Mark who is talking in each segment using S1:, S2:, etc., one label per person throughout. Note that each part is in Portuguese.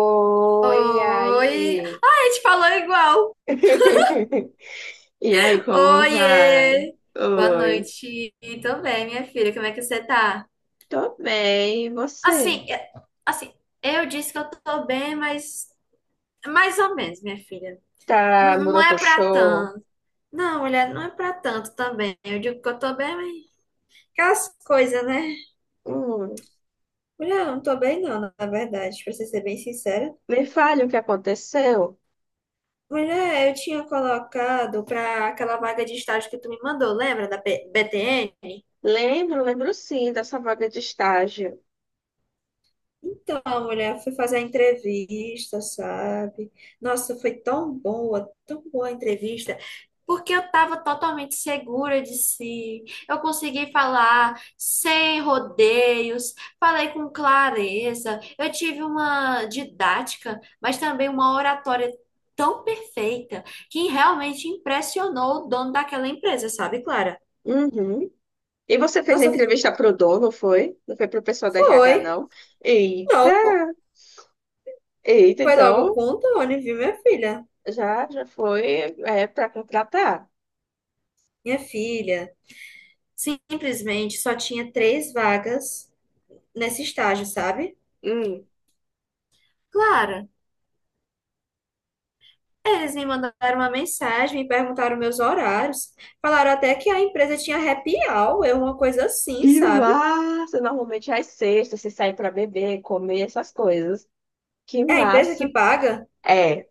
S1: Oi,
S2: Oi! Ai,
S1: aí.
S2: a gente falou igual!
S1: E aí, como vai?
S2: Oiê! Boa
S1: Oi.
S2: noite também, minha filha. Como é que você tá?
S1: Tô bem, e você?
S2: Assim, assim, eu disse que eu tô bem, mas mais ou menos, minha filha.
S1: Tá
S2: Não, não é pra
S1: morocochô?
S2: tanto. Não, mulher, não é pra tanto também. Eu digo que eu tô bem, mas aquelas coisas, né?
S1: Hum,
S2: Mulher, eu não tô bem não, na verdade, pra você ser bem sincera.
S1: me fale o que aconteceu.
S2: Mulher, eu tinha colocado pra aquela vaga de estágio que tu me mandou, lembra da BTN?
S1: Lembro, sim dessa vaga de estágio.
S2: Então, a mulher foi fazer a entrevista, sabe? Nossa, foi tão boa a entrevista, porque eu estava totalmente segura de si. Eu consegui falar sem rodeios, falei com clareza. Eu tive uma didática, mas também uma oratória tão perfeita que realmente impressionou o dono daquela empresa, sabe, Clara?
S1: Uhum. E você fez a
S2: Nossa,
S1: entrevista pro dono, foi? Não foi pro pessoal da RH,
S2: foi.
S1: não? Eita!
S2: Não,
S1: Eita,
S2: foi logo
S1: então
S2: com o Tony, viu, minha filha?
S1: já foi, é, para contratar.
S2: Minha filha. Simplesmente só tinha três vagas nesse estágio, sabe?
S1: Hum.
S2: Claro, eles me mandaram uma mensagem, me perguntaram meus horários, falaram até que a empresa tinha happy hour, eu uma coisa assim,
S1: Que
S2: sabe?
S1: massa! Normalmente às sextas você sai pra beber, comer essas coisas. Que
S2: É a empresa que
S1: massa!
S2: paga?
S1: É,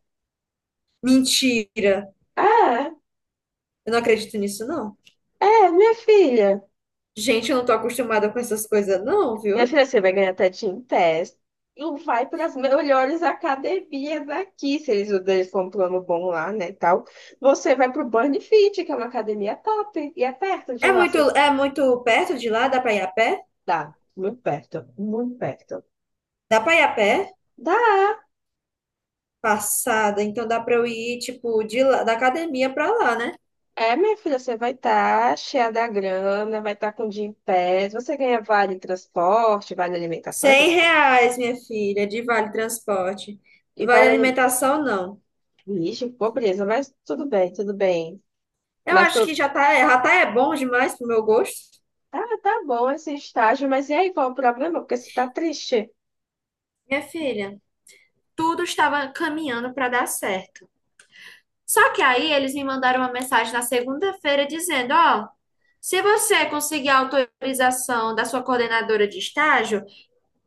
S2: Mentira!
S1: é,
S2: Eu não acredito nisso, não.
S1: é, minha filha.
S2: Gente, eu não tô acostumada com essas coisas, não,
S1: Minha
S2: viu?
S1: filha, você vai ganhar até Team Test. E vai para as melhores academias aqui, se eles usam um plano bom lá, né, tal. Você vai pro Burn Fit, que é uma academia top. E é perto de lá, você
S2: É muito perto de lá, dá pra ir a pé?
S1: dá. Muito perto, muito perto.
S2: Dá pra ir a pé?
S1: Dá.
S2: Passada, então dá pra eu ir, tipo, de lá, da academia pra lá, né?
S1: É, minha filha, você vai estar cheia da grana, vai estar com o dia em pé. Você ganha vale transporte, vale alimentação,
S2: 100
S1: essas coisas.
S2: reais, minha filha, de vale transporte.
S1: E
S2: Vale alimentação, não.
S1: lixo, pobreza, mas tudo bem, tudo bem.
S2: Eu
S1: Mas
S2: acho
S1: pô,
S2: que já tá é bom demais pro meu gosto.
S1: tá bom esse estágio, mas e aí qual o problema? Porque você tá triste.
S2: Minha filha, tudo estava caminhando para dar certo. Só que aí eles me mandaram uma mensagem na segunda-feira dizendo, ó, se você conseguir a autorização da sua coordenadora de estágio,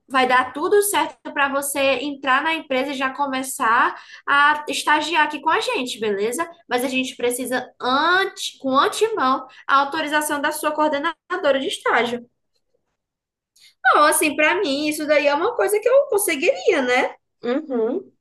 S2: vai dar tudo certo para você entrar na empresa e já começar a estagiar aqui com a gente, beleza? Mas a gente precisa antes, com antemão, a autorização da sua coordenadora de estágio. Não, assim, para mim, isso daí é uma coisa que eu conseguiria, né?
S1: Uhum.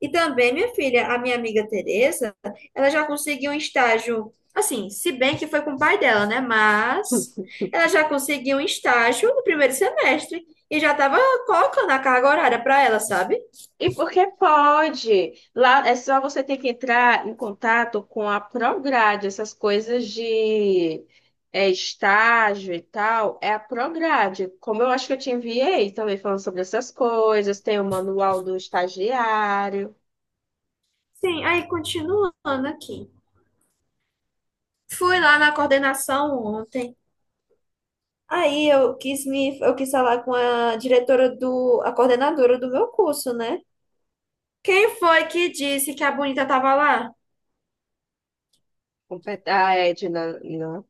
S2: E também, minha filha, a minha amiga Tereza, ela já conseguiu um estágio, assim, se bem que foi com o pai dela, né? Mas ela já conseguiu um estágio no primeiro semestre e já estava colocando a carga horária para ela, sabe?
S1: E porque pode. Lá é só você ter que entrar em contato com a Prograde, essas coisas de, estágio e tal. É a Prograde. Como eu acho que eu te enviei também falando sobre essas coisas, tem o manual do estagiário,
S2: Sim, aí continuando aqui. Fui lá na coordenação ontem. Aí eu quis falar com a diretora do, a coordenadora do meu curso, né? Quem foi que disse que a bonita tava lá?
S1: a Edna, não,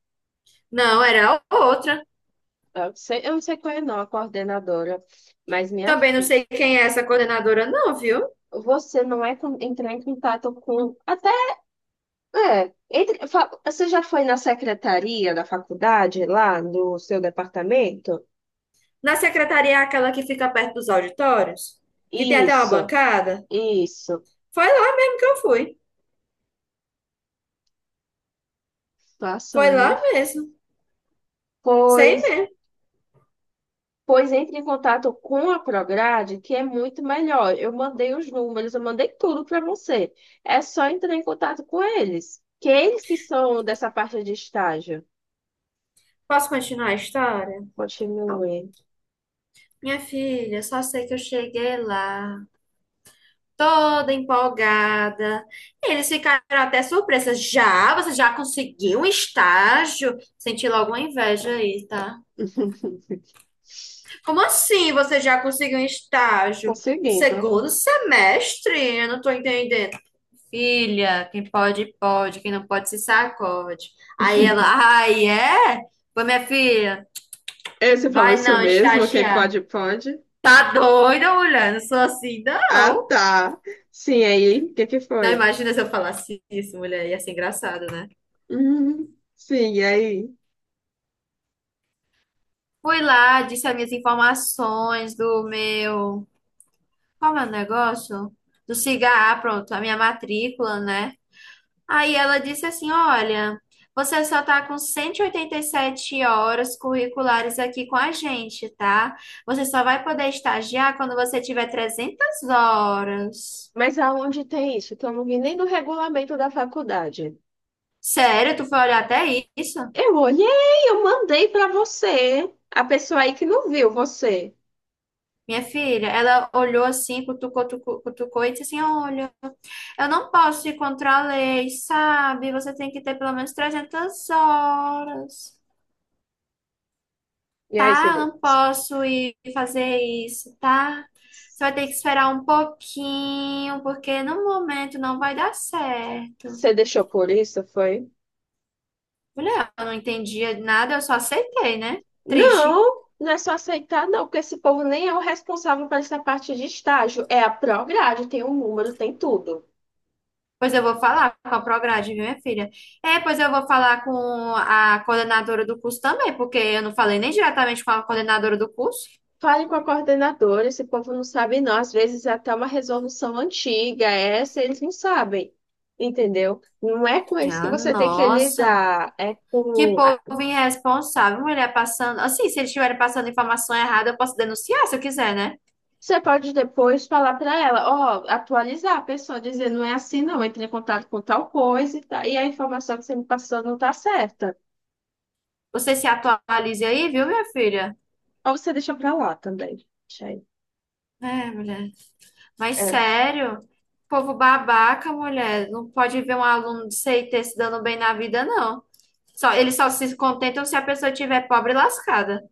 S2: Não, era a outra.
S1: eu não sei qual é não, a coordenadora, mas minha
S2: Também não
S1: filha.
S2: sei quem é essa coordenadora, não, viu?
S1: Você não é com- entrar em contato com até é, entre, você já foi na secretaria da faculdade, lá no seu departamento?
S2: Na secretaria, é aquela que fica perto dos auditórios, que tem até uma
S1: Isso,
S2: bancada.
S1: isso.
S2: Foi lá mesmo que eu fui.
S1: Passou,
S2: Foi
S1: hein, minha
S2: lá
S1: filha?
S2: mesmo. Sei
S1: Pois,
S2: mesmo.
S1: pois entre em contato com a Prograde, que é muito melhor. Eu mandei os números, eu mandei tudo para você. É só entrar em contato com eles, que é eles que são dessa parte de estágio.
S2: Posso continuar a história?
S1: Continue
S2: Minha filha, só sei que eu cheguei lá toda empolgada. Eles ficaram até surpresas. Já? Você já conseguiu um estágio? Senti logo uma inveja aí, tá? Como assim você já conseguiu um estágio? No
S1: conseguindo.
S2: segundo semestre? Eu não tô entendendo. Filha, quem pode, pode. Quem não pode, se sacode. Aí ela, ai, é? Foi minha filha,
S1: É, você falou
S2: vai
S1: isso
S2: não
S1: mesmo? Quem
S2: estagiar.
S1: pode, pode.
S2: Tá doida, mulher? Não sou assim,
S1: Ah,
S2: não.
S1: tá. Sim, aí, o que que
S2: Não
S1: foi?
S2: imagina se eu falasse isso, mulher. Ia ser engraçado, né?
S1: Uhum. Sim, e aí?
S2: Fui lá, disse as minhas informações do meu. Qual é o negócio? Do cigarro, pronto, a minha matrícula, né? Aí ela disse assim: Olha, você só tá com cento e oitenta e sete horas curriculares aqui com a gente, tá? Você só vai poder estagiar quando você tiver 300 horas.
S1: Mas aonde tem isso? Que eu não vi nem no regulamento da faculdade.
S2: Sério, tu foi olhar até isso?
S1: Eu olhei, eu mandei para você. A pessoa aí que não viu você.
S2: Minha filha, ela olhou assim, cutucou, cutucou, e disse assim: Olha, eu não posso ir contra a lei, sabe? Você tem que ter pelo menos 300 horas,
S1: E aí, você,
S2: tá? Eu não posso ir fazer isso, tá? Você vai ter que esperar um pouquinho, porque no momento não vai dar certo.
S1: você deixou por isso, foi?
S2: Mulher, eu não entendia nada, eu só aceitei, né? Triste.
S1: Não, não é só aceitar, não, porque esse povo nem é o responsável por essa parte de estágio. É a Prograde, tem um número, tem tudo.
S2: Pois eu vou falar com a Prograde, viu, minha filha? É, pois eu vou falar com a coordenadora do curso também, porque eu não falei nem diretamente com a coordenadora do curso.
S1: Fale com a coordenadora, esse povo não sabe não. Às vezes é até uma resolução antiga, essa eles não sabem, entendeu? Não é com eles que
S2: Ah,
S1: você tem que
S2: nossa,
S1: lidar, é
S2: que
S1: com...
S2: povo irresponsável, mulher passando. Assim, se eles estiverem passando informação errada, eu posso denunciar se eu quiser, né?
S1: você pode depois falar para ela, ó, atualizar a pessoa, dizer, não é assim não, entre em contato com tal coisa e, tá, e a informação que você me passou não tá certa.
S2: Você se atualize aí, viu, minha filha?
S1: Ou você deixa para lá também. Deixa aí.
S2: É, mulher. Mas
S1: É.
S2: sério, povo babaca, mulher. Não pode ver um aluno de CIT se dando bem na vida, não. Só, eles só se contentam se a pessoa estiver pobre e lascada.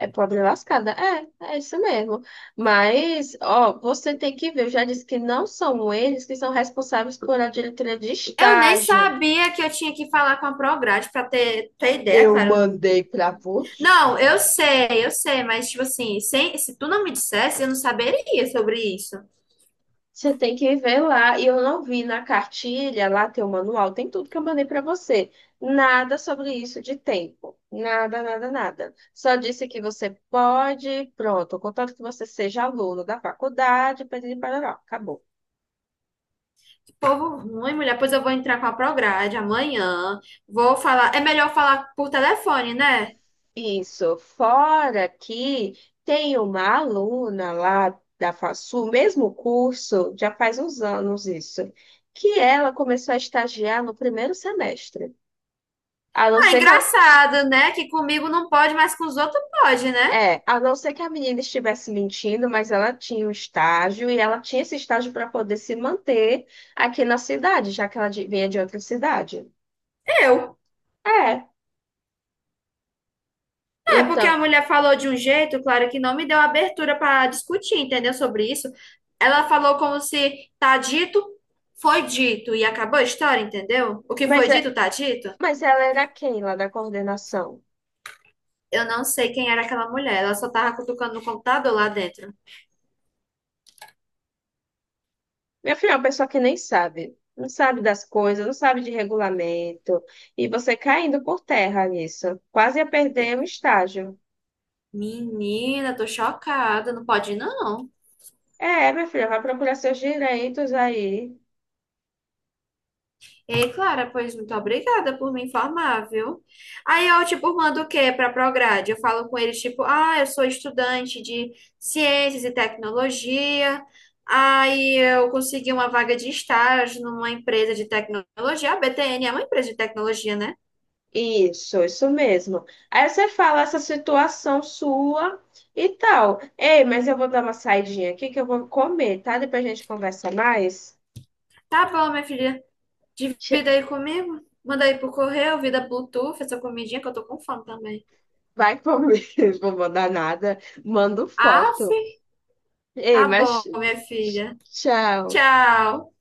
S1: É pobre lascada. É, é isso mesmo. Mas, ó, você tem que ver. Eu já disse que não são eles que são responsáveis por a diretoria de
S2: Eu nem
S1: estágio.
S2: sabia que eu tinha que falar com a Prograde pra ter ideia,
S1: Eu
S2: claro.
S1: mandei para
S2: Não,
S1: você.
S2: eu sei, mas tipo assim, sem, se tu não me dissesse, eu não saberia sobre isso.
S1: Você tem que ver lá. E eu não vi na cartilha, lá tem o manual, tem tudo que eu mandei para você. Nada sobre isso de tempo. Nada, nada, nada. Só disse que você pode, pronto, contanto que você seja aluno da faculdade, para acabou.
S2: Que povo ruim, mulher. Pois eu vou entrar com a Prograde amanhã. Vou falar. É melhor falar por telefone, né?
S1: Isso. Fora que tem uma aluna lá da FASU, mesmo curso, já faz uns anos isso, que ela começou a estagiar no primeiro semestre. A não
S2: Ah,
S1: ser que ela,
S2: engraçado, né? Que comigo não pode, mas com os outros pode, né?
S1: é, a não ser que a menina estivesse mentindo, mas ela tinha um estágio e ela tinha esse estágio para poder se manter aqui na cidade, já que ela vinha de outra cidade.
S2: Eu.
S1: É,
S2: É porque a
S1: então,
S2: mulher falou de um jeito, claro, que não me deu abertura para discutir, entendeu? Sobre isso. Ela falou como se tá dito, foi dito e acabou a história, entendeu? O que
S1: mas,
S2: foi
S1: é,
S2: dito, tá dito.
S1: mas ela era quem lá da coordenação?
S2: Eu não sei quem era aquela mulher, ela só tava cutucando no computador lá dentro.
S1: Meu filho é uma pessoa que nem sabe, não sabe das coisas, não sabe de regulamento, e você caindo por terra nisso, quase ia perder um estágio.
S2: Menina, tô chocada, não pode não.
S1: É, minha filha, vai procurar seus direitos aí.
S2: Ei, Clara, pois muito obrigada por me informar, viu? Aí eu, tipo, mando o quê para a Prograde? Eu falo com eles, tipo, ah, eu sou estudante de ciências e tecnologia. Aí eu consegui uma vaga de estágio numa empresa de tecnologia. A BTN é uma empresa de tecnologia, né?
S1: Isso mesmo. Aí você fala essa situação sua e tal. Ei, mas eu vou dar uma saidinha aqui que eu vou comer, tá? Depois a gente conversa mais.
S2: Tá bom, minha filha,
S1: Che-
S2: divida aí comigo. Manda aí pro correio, vida Bluetooth, essa comidinha que eu tô com fome também.
S1: Vai comer, vou mandar nada, mando
S2: Aff,
S1: foto. Ei,
S2: tá
S1: mas
S2: bom, minha filha.
S1: tchau.
S2: Tchau.